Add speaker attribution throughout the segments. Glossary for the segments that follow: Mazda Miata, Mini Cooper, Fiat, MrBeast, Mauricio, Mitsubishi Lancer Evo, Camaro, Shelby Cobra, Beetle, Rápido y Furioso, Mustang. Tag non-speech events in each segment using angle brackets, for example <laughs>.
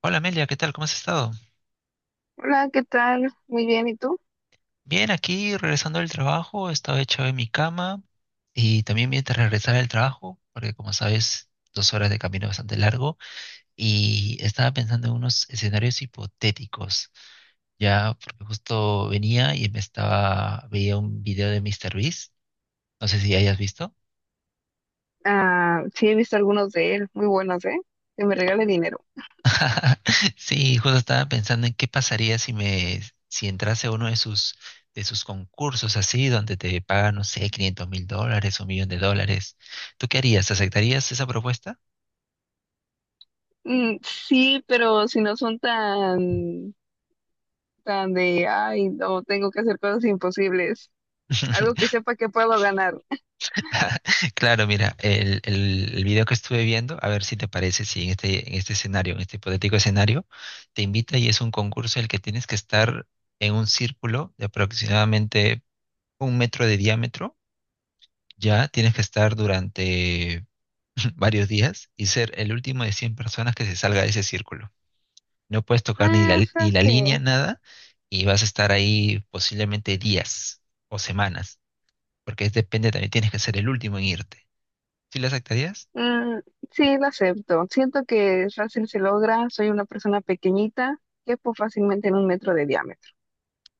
Speaker 1: Hola Amelia, ¿qué tal? ¿Cómo has estado?
Speaker 2: Hola, ¿qué tal? Muy bien, ¿y tú?
Speaker 1: Bien, aquí regresando del trabajo, estaba echado en mi cama y también mientras regresaba del trabajo, porque como sabes, 2 horas de camino es bastante largo, y estaba pensando en unos escenarios hipotéticos, ya porque justo venía y veía un video de Mister MrBeast, no sé si hayas visto.
Speaker 2: Ah, sí, he visto algunos de él, muy buenos, ¿eh? Que me regale dinero.
Speaker 1: <laughs> Sí, justo estaba pensando en qué pasaría si entrase a uno de sus concursos así, donde te pagan, no sé, 500 mil dólares o un millón de dólares. ¿Tú qué harías? ¿Aceptarías esa propuesta?
Speaker 2: Mm, sí, pero si no son tan de, ay, no, tengo que hacer cosas imposibles. Algo que
Speaker 1: <laughs>
Speaker 2: sepa que puedo ganar.
Speaker 1: Claro, mira, el video que estuve viendo, a ver si te parece, si en este hipotético escenario, te invita y es un concurso en el que tienes que estar en un círculo de aproximadamente 1 metro de diámetro, ya tienes que estar durante <laughs> varios días y ser el último de 100 personas que se salga de ese círculo. No puedes tocar ni la,
Speaker 2: Ah,
Speaker 1: ni la línea,
Speaker 2: frase.
Speaker 1: nada, y vas a estar ahí posiblemente días o semanas, porque depende, también tienes que ser el último en irte. ¿Sí lo aceptarías?
Speaker 2: Mm, sí, la acepto. Siento que fácil se logra. Soy una persona pequeñita, quepo fácilmente en un metro de diámetro.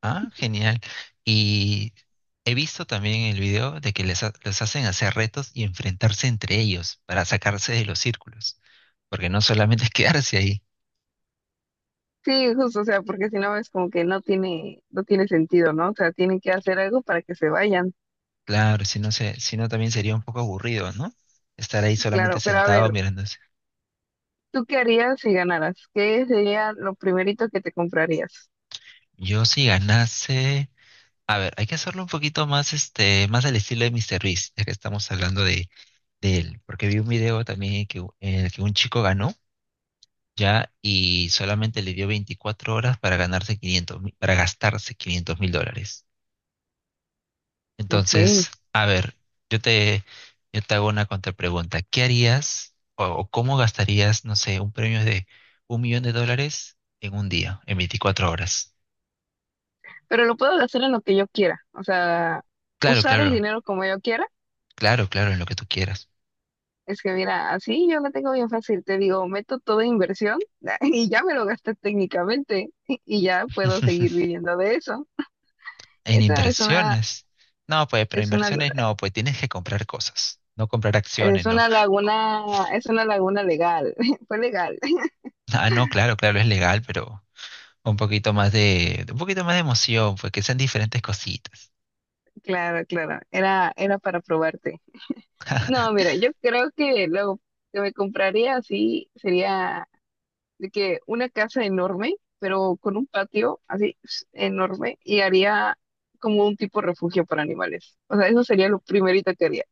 Speaker 1: Ah, genial. Y he visto también en el video de que les hacen hacer retos y enfrentarse entre ellos para sacarse de los círculos, porque no solamente es quedarse ahí.
Speaker 2: Sí, justo, o sea, porque si no es como que no tiene sentido, ¿no? O sea, tienen que hacer algo para que se vayan,
Speaker 1: Claro, si no también sería un poco aburrido, ¿no? Estar ahí solamente
Speaker 2: claro. Pero a
Speaker 1: sentado
Speaker 2: ver,
Speaker 1: mirando.
Speaker 2: ¿tú qué harías si ganaras? ¿Qué sería lo primerito que te comprarías?
Speaker 1: Yo si ganase, a ver, hay que hacerlo un poquito más, más al estilo de Mr. Beast, ya que estamos hablando de él, porque vi un video también que, en el que un chico ganó, ya, y solamente le dio 24 horas para ganarse para gastarse 500 mil dólares.
Speaker 2: Ok,
Speaker 1: Entonces, a ver, yo te, yo te hago una contrapregunta. ¿Qué harías o cómo gastarías, no sé, un premio de un millón de dólares en un día, en 24 horas?
Speaker 2: pero lo puedo hacer en lo que yo quiera, o sea,
Speaker 1: Claro,
Speaker 2: usar el
Speaker 1: claro,
Speaker 2: dinero como yo quiera.
Speaker 1: claro, claro, en lo que tú quieras.
Speaker 2: Es que mira, así yo lo tengo bien fácil, te digo, meto toda inversión <laughs> y ya me lo gasté técnicamente <laughs> y ya puedo seguir
Speaker 1: <laughs>
Speaker 2: viviendo de eso.
Speaker 1: En
Speaker 2: Esa es una,
Speaker 1: inversiones. No, pues, pero
Speaker 2: es una
Speaker 1: inversiones no, pues tienes que comprar cosas, no comprar acciones,
Speaker 2: Es
Speaker 1: no.
Speaker 2: una
Speaker 1: Co-
Speaker 2: laguna, es una laguna legal, <laughs> fue legal. <laughs>
Speaker 1: Ah, no, claro, claro, es legal, pero un poquito más de emoción, pues que sean diferentes cositas.
Speaker 2: Claro, claro, era para probarte. No,
Speaker 1: <laughs>
Speaker 2: mira, yo creo que lo que me compraría así sería de que una casa enorme, pero con un patio así <sniffs> enorme y haría como un tipo refugio para animales. O sea, eso sería lo primerito que haría,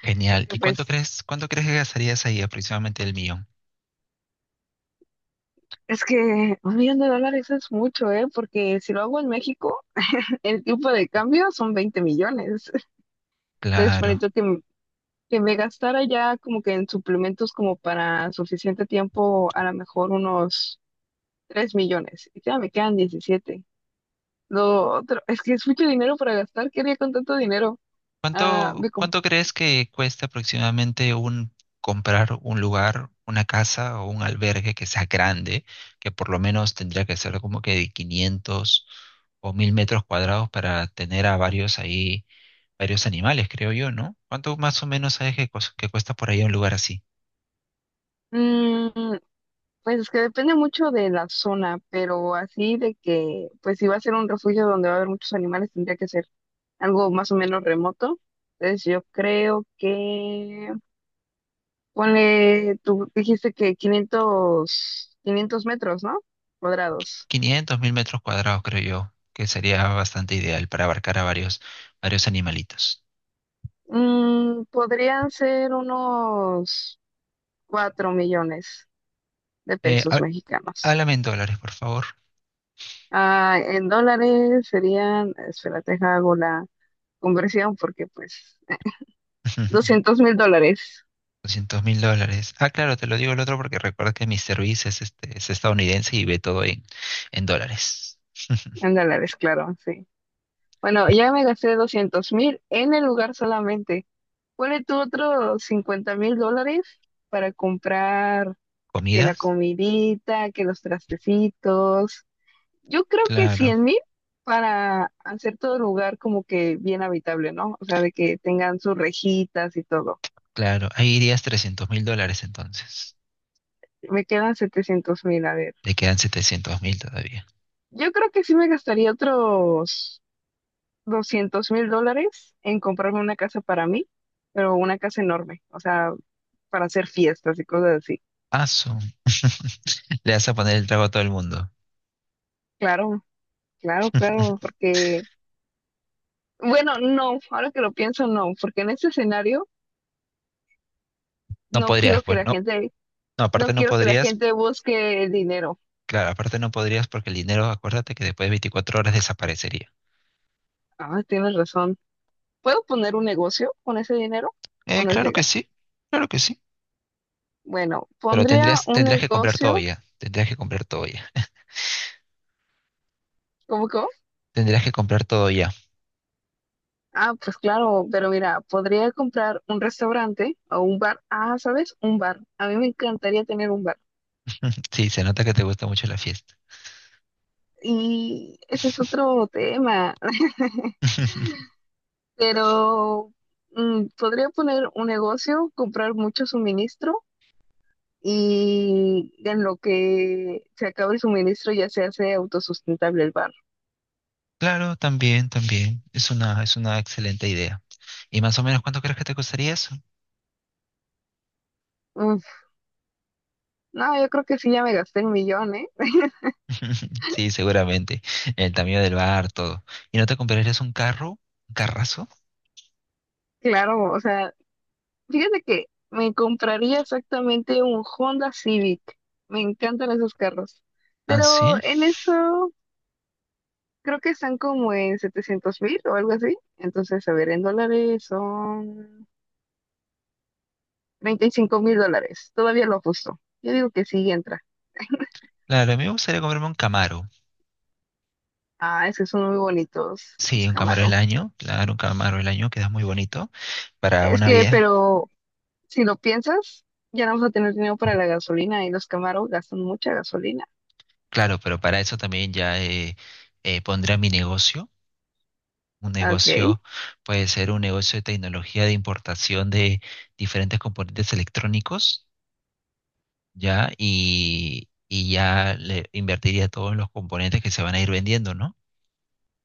Speaker 1: Genial.
Speaker 2: porque
Speaker 1: ¿Y cuánto
Speaker 2: pues
Speaker 1: crees, cuánto crees que gastarías ahí aproximadamente el mío?
Speaker 2: es que un millón de dólares es mucho, ¿eh? Porque si lo hago en México, <laughs> el tipo de cambio son 20 millones. <laughs> Entonces,
Speaker 1: Claro.
Speaker 2: bonito que me gastara ya como que en suplementos como para suficiente tiempo, a lo mejor unos 3 millones. Y ya me quedan 17. Lo otro, es que es mucho dinero para gastar. ¿Qué haría con tanto dinero? Ah,
Speaker 1: ¿Cuánto, cuánto crees que cuesta aproximadamente un comprar un lugar, una casa o un albergue que sea grande, que por lo menos tendría que ser como que de 500 o 1.000 metros cuadrados para tener a varios ahí, varios animales, creo yo, ¿no? ¿Cuánto más o menos sabes que cuesta por ahí un lugar así?
Speaker 2: Mm, pues es que depende mucho de la zona, pero así de que, pues si va a ser un refugio donde va a haber muchos animales, tendría que ser algo más o menos remoto. Entonces yo creo que Ponle, tú dijiste que quinientos metros, ¿no? Cuadrados.
Speaker 1: 500.000 metros cuadrados, creo yo, que sería bastante ideal para abarcar a varios animalitos.
Speaker 2: Podrían ser unos 4 millones de
Speaker 1: Eh,
Speaker 2: pesos
Speaker 1: há-
Speaker 2: mexicanos.
Speaker 1: Háblame en dólares, por favor.
Speaker 2: Ah, en dólares serían, espérate, hago la conversión porque pues
Speaker 1: <laughs>
Speaker 2: $200.000.
Speaker 1: 200.000 dólares. Ah, claro, te lo digo el otro porque recuerda que Mr. Beast es estadounidense y ve todo en dólares. <laughs>
Speaker 2: En dólares, claro, sí. Bueno, ya me gasté 200.000 en el lugar solamente. Ponle tú otros $50.000 para comprar. Que la
Speaker 1: ¿Comidas?
Speaker 2: comidita, que los trastecitos. Yo creo que
Speaker 1: Claro,
Speaker 2: 100.000 para hacer todo el lugar como que bien habitable, ¿no? O sea, de que tengan sus rejitas y todo.
Speaker 1: claro. Ahí irías 300.000 dólares entonces.
Speaker 2: Me quedan 700.000, a ver.
Speaker 1: Le quedan 700.000 todavía.
Speaker 2: Yo creo que sí me gastaría otros $200.000 en comprarme una casa para mí, pero una casa enorme, o sea, para hacer fiestas y cosas así.
Speaker 1: Ah, <laughs> Le vas a poner el trago a todo el mundo.
Speaker 2: Claro, claro, claro,
Speaker 1: <laughs>
Speaker 2: porque, bueno, no, ahora que lo pienso, no, porque en este escenario
Speaker 1: No
Speaker 2: no
Speaker 1: podrías,
Speaker 2: quiero que
Speaker 1: pues,
Speaker 2: la
Speaker 1: no.
Speaker 2: gente
Speaker 1: No,
Speaker 2: No
Speaker 1: aparte no
Speaker 2: quiero que la
Speaker 1: podrías.
Speaker 2: gente busque el dinero.
Speaker 1: Claro, aparte no podrías porque el dinero, acuérdate que después de 24 horas desaparecería.
Speaker 2: Ah, tienes razón. ¿Puedo poner un negocio con ese dinero o no es
Speaker 1: Claro que
Speaker 2: legal?
Speaker 1: sí, claro que sí.
Speaker 2: Bueno,
Speaker 1: Pero
Speaker 2: pondría
Speaker 1: tendrías,
Speaker 2: un
Speaker 1: tendrías que comprar todo
Speaker 2: negocio.
Speaker 1: ya. Tendrías que comprar todo ya.
Speaker 2: ¿Cómo?
Speaker 1: Tendrías que comprar todo ya.
Speaker 2: Ah, pues claro, pero mira, podría comprar un restaurante o un bar. Ah, ¿sabes? Un bar. A mí me encantaría tener un bar.
Speaker 1: Sí, se nota que te gusta mucho la fiesta.
Speaker 2: Y ese es otro tema. <laughs>
Speaker 1: <laughs>
Speaker 2: Pero podría poner un negocio, comprar mucho suministro y en lo que se acaba el suministro ya se hace autosustentable el bar.
Speaker 1: Claro, también, también. Es una excelente idea. ¿Y más o menos cuánto crees que te costaría eso?
Speaker 2: Uf, no, yo creo que sí, ya me gasté el millón, ¿eh?
Speaker 1: <laughs> Sí, seguramente. El tamaño del bar, todo. ¿Y no te comprarías un carro? ¿Un carrazo?
Speaker 2: Claro, o sea, fíjate que me compraría exactamente un Honda Civic. Me encantan esos carros.
Speaker 1: Ah,
Speaker 2: Pero
Speaker 1: sí.
Speaker 2: en eso creo que están como en 700.000 o algo así. Entonces, a ver, en dólares son $35.000. Todavía lo justo. Yo digo que sí entra.
Speaker 1: Claro, a mí me gustaría comprarme un Camaro.
Speaker 2: Ah, es que son muy bonitos
Speaker 1: Sí,
Speaker 2: los
Speaker 1: un Camaro del
Speaker 2: Camaro.
Speaker 1: año. Claro, un Camaro del año queda muy bonito para
Speaker 2: Es
Speaker 1: una
Speaker 2: que,
Speaker 1: vida.
Speaker 2: pero Si lo piensas, ya no vamos a tener dinero para la gasolina y los Camaro gastan mucha gasolina.
Speaker 1: Claro, pero para eso también ya pondría mi negocio. Un
Speaker 2: Ok.
Speaker 1: negocio puede ser un negocio de tecnología de importación de diferentes componentes electrónicos, ¿ya? Y ya le invertiría todos los componentes que se van a ir vendiendo, ¿no?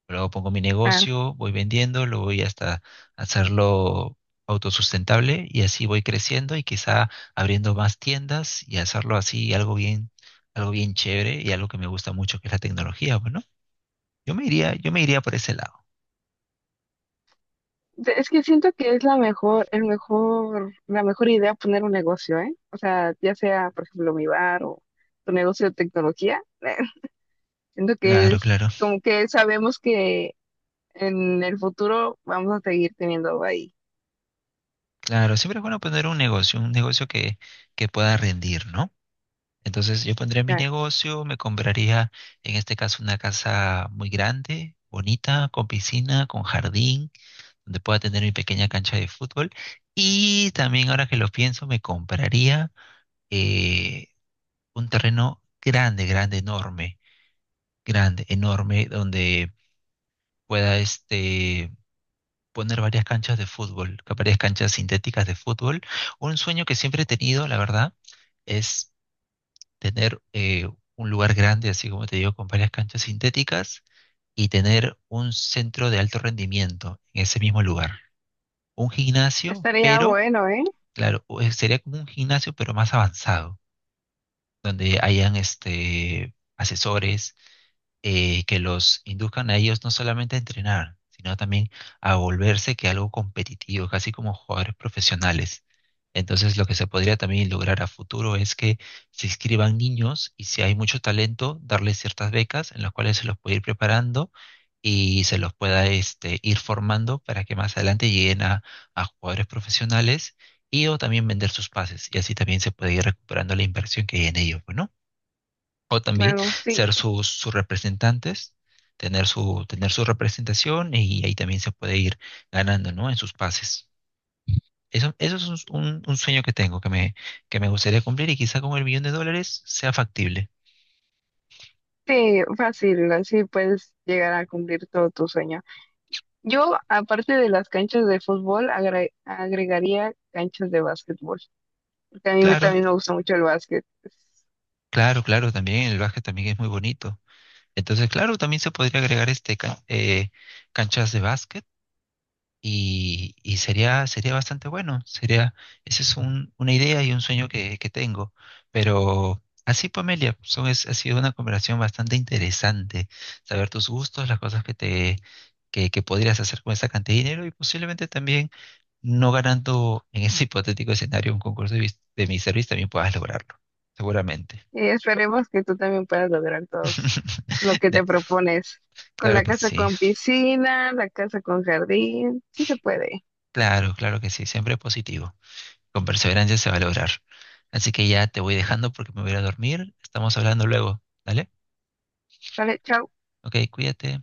Speaker 1: Luego pongo mi
Speaker 2: Ah,
Speaker 1: negocio, voy vendiendo, lo voy hasta hacerlo autosustentable y así voy creciendo y quizá abriendo más tiendas y hacerlo así algo bien chévere y algo que me gusta mucho, que es la tecnología, bueno. Yo me iría por ese lado.
Speaker 2: es que siento que es la mejor idea poner un negocio, ¿eh? O sea, ya sea, por ejemplo, mi bar o tu negocio de tecnología. <laughs> Siento que
Speaker 1: Claro,
Speaker 2: es
Speaker 1: claro.
Speaker 2: como que sabemos que en el futuro vamos a seguir teniendo ahí.
Speaker 1: Claro, siempre es bueno poner un negocio, que pueda rendir, ¿no? Entonces yo pondría mi
Speaker 2: Ah,
Speaker 1: negocio, me compraría en este caso una casa muy grande, bonita, con piscina, con jardín, donde pueda tener mi pequeña cancha de fútbol. Y también ahora que lo pienso, me compraría eh, un terreno grande, grande, enorme, donde pueda poner varias canchas de fútbol, varias canchas sintéticas de fútbol. Un sueño que siempre he tenido, la verdad, es tener un lugar grande, así como te digo, con varias canchas sintéticas y tener un centro de alto rendimiento en ese mismo lugar. Un gimnasio,
Speaker 2: estaría
Speaker 1: pero,
Speaker 2: bueno, ¿eh?
Speaker 1: claro, sería como un gimnasio, pero más avanzado, donde hayan asesores que los induzcan a ellos no solamente a entrenar, sino también a volverse que algo competitivo, casi como jugadores profesionales. Entonces, lo que se podría también lograr a futuro es que se inscriban niños y si hay mucho talento, darles ciertas becas en las cuales se los puede ir preparando y se los pueda ir formando para que más adelante lleguen a jugadores profesionales y o también vender sus pases y así también se puede ir recuperando la inversión que hay en ellos, ¿no? O también
Speaker 2: Bueno, sí,
Speaker 1: ser sus representantes, tener su representación y ahí también se puede ir ganando, ¿no? En sus pases. Eso es un sueño que tengo, que me gustaría cumplir y quizá con el millón de dólares sea factible.
Speaker 2: sí, fácil, así puedes llegar a cumplir todo tu sueño. Yo, aparte de las canchas de fútbol, agregaría canchas de básquetbol, porque a mí
Speaker 1: Claro,
Speaker 2: también me gusta mucho el básquet.
Speaker 1: claro, claro, también el básquet también es muy bonito. Entonces, claro, también se podría agregar canchas de básquet y sería bastante bueno. Esa es una idea y un sueño que tengo. Pero así, Pamelia, ha sido una conversación bastante interesante. Saber tus gustos, las cosas que podrías hacer con esa cantidad de dinero y posiblemente también no ganando en ese <laughs> hipotético escenario un concurso de mi servicio también puedas lograrlo. Seguramente.
Speaker 2: Y esperemos que tú también puedas lograr todo lo
Speaker 1: <laughs>
Speaker 2: que
Speaker 1: De-
Speaker 2: te propones. Con
Speaker 1: claro
Speaker 2: la
Speaker 1: que
Speaker 2: casa
Speaker 1: sí,
Speaker 2: con piscina, la casa con jardín, sí se puede.
Speaker 1: claro, claro que sí, siempre positivo. Con perseverancia se va a lograr. Así que ya te voy dejando porque me voy a ir a dormir. Estamos hablando luego, ¿vale?
Speaker 2: Vale, chao.
Speaker 1: Ok, cuídate.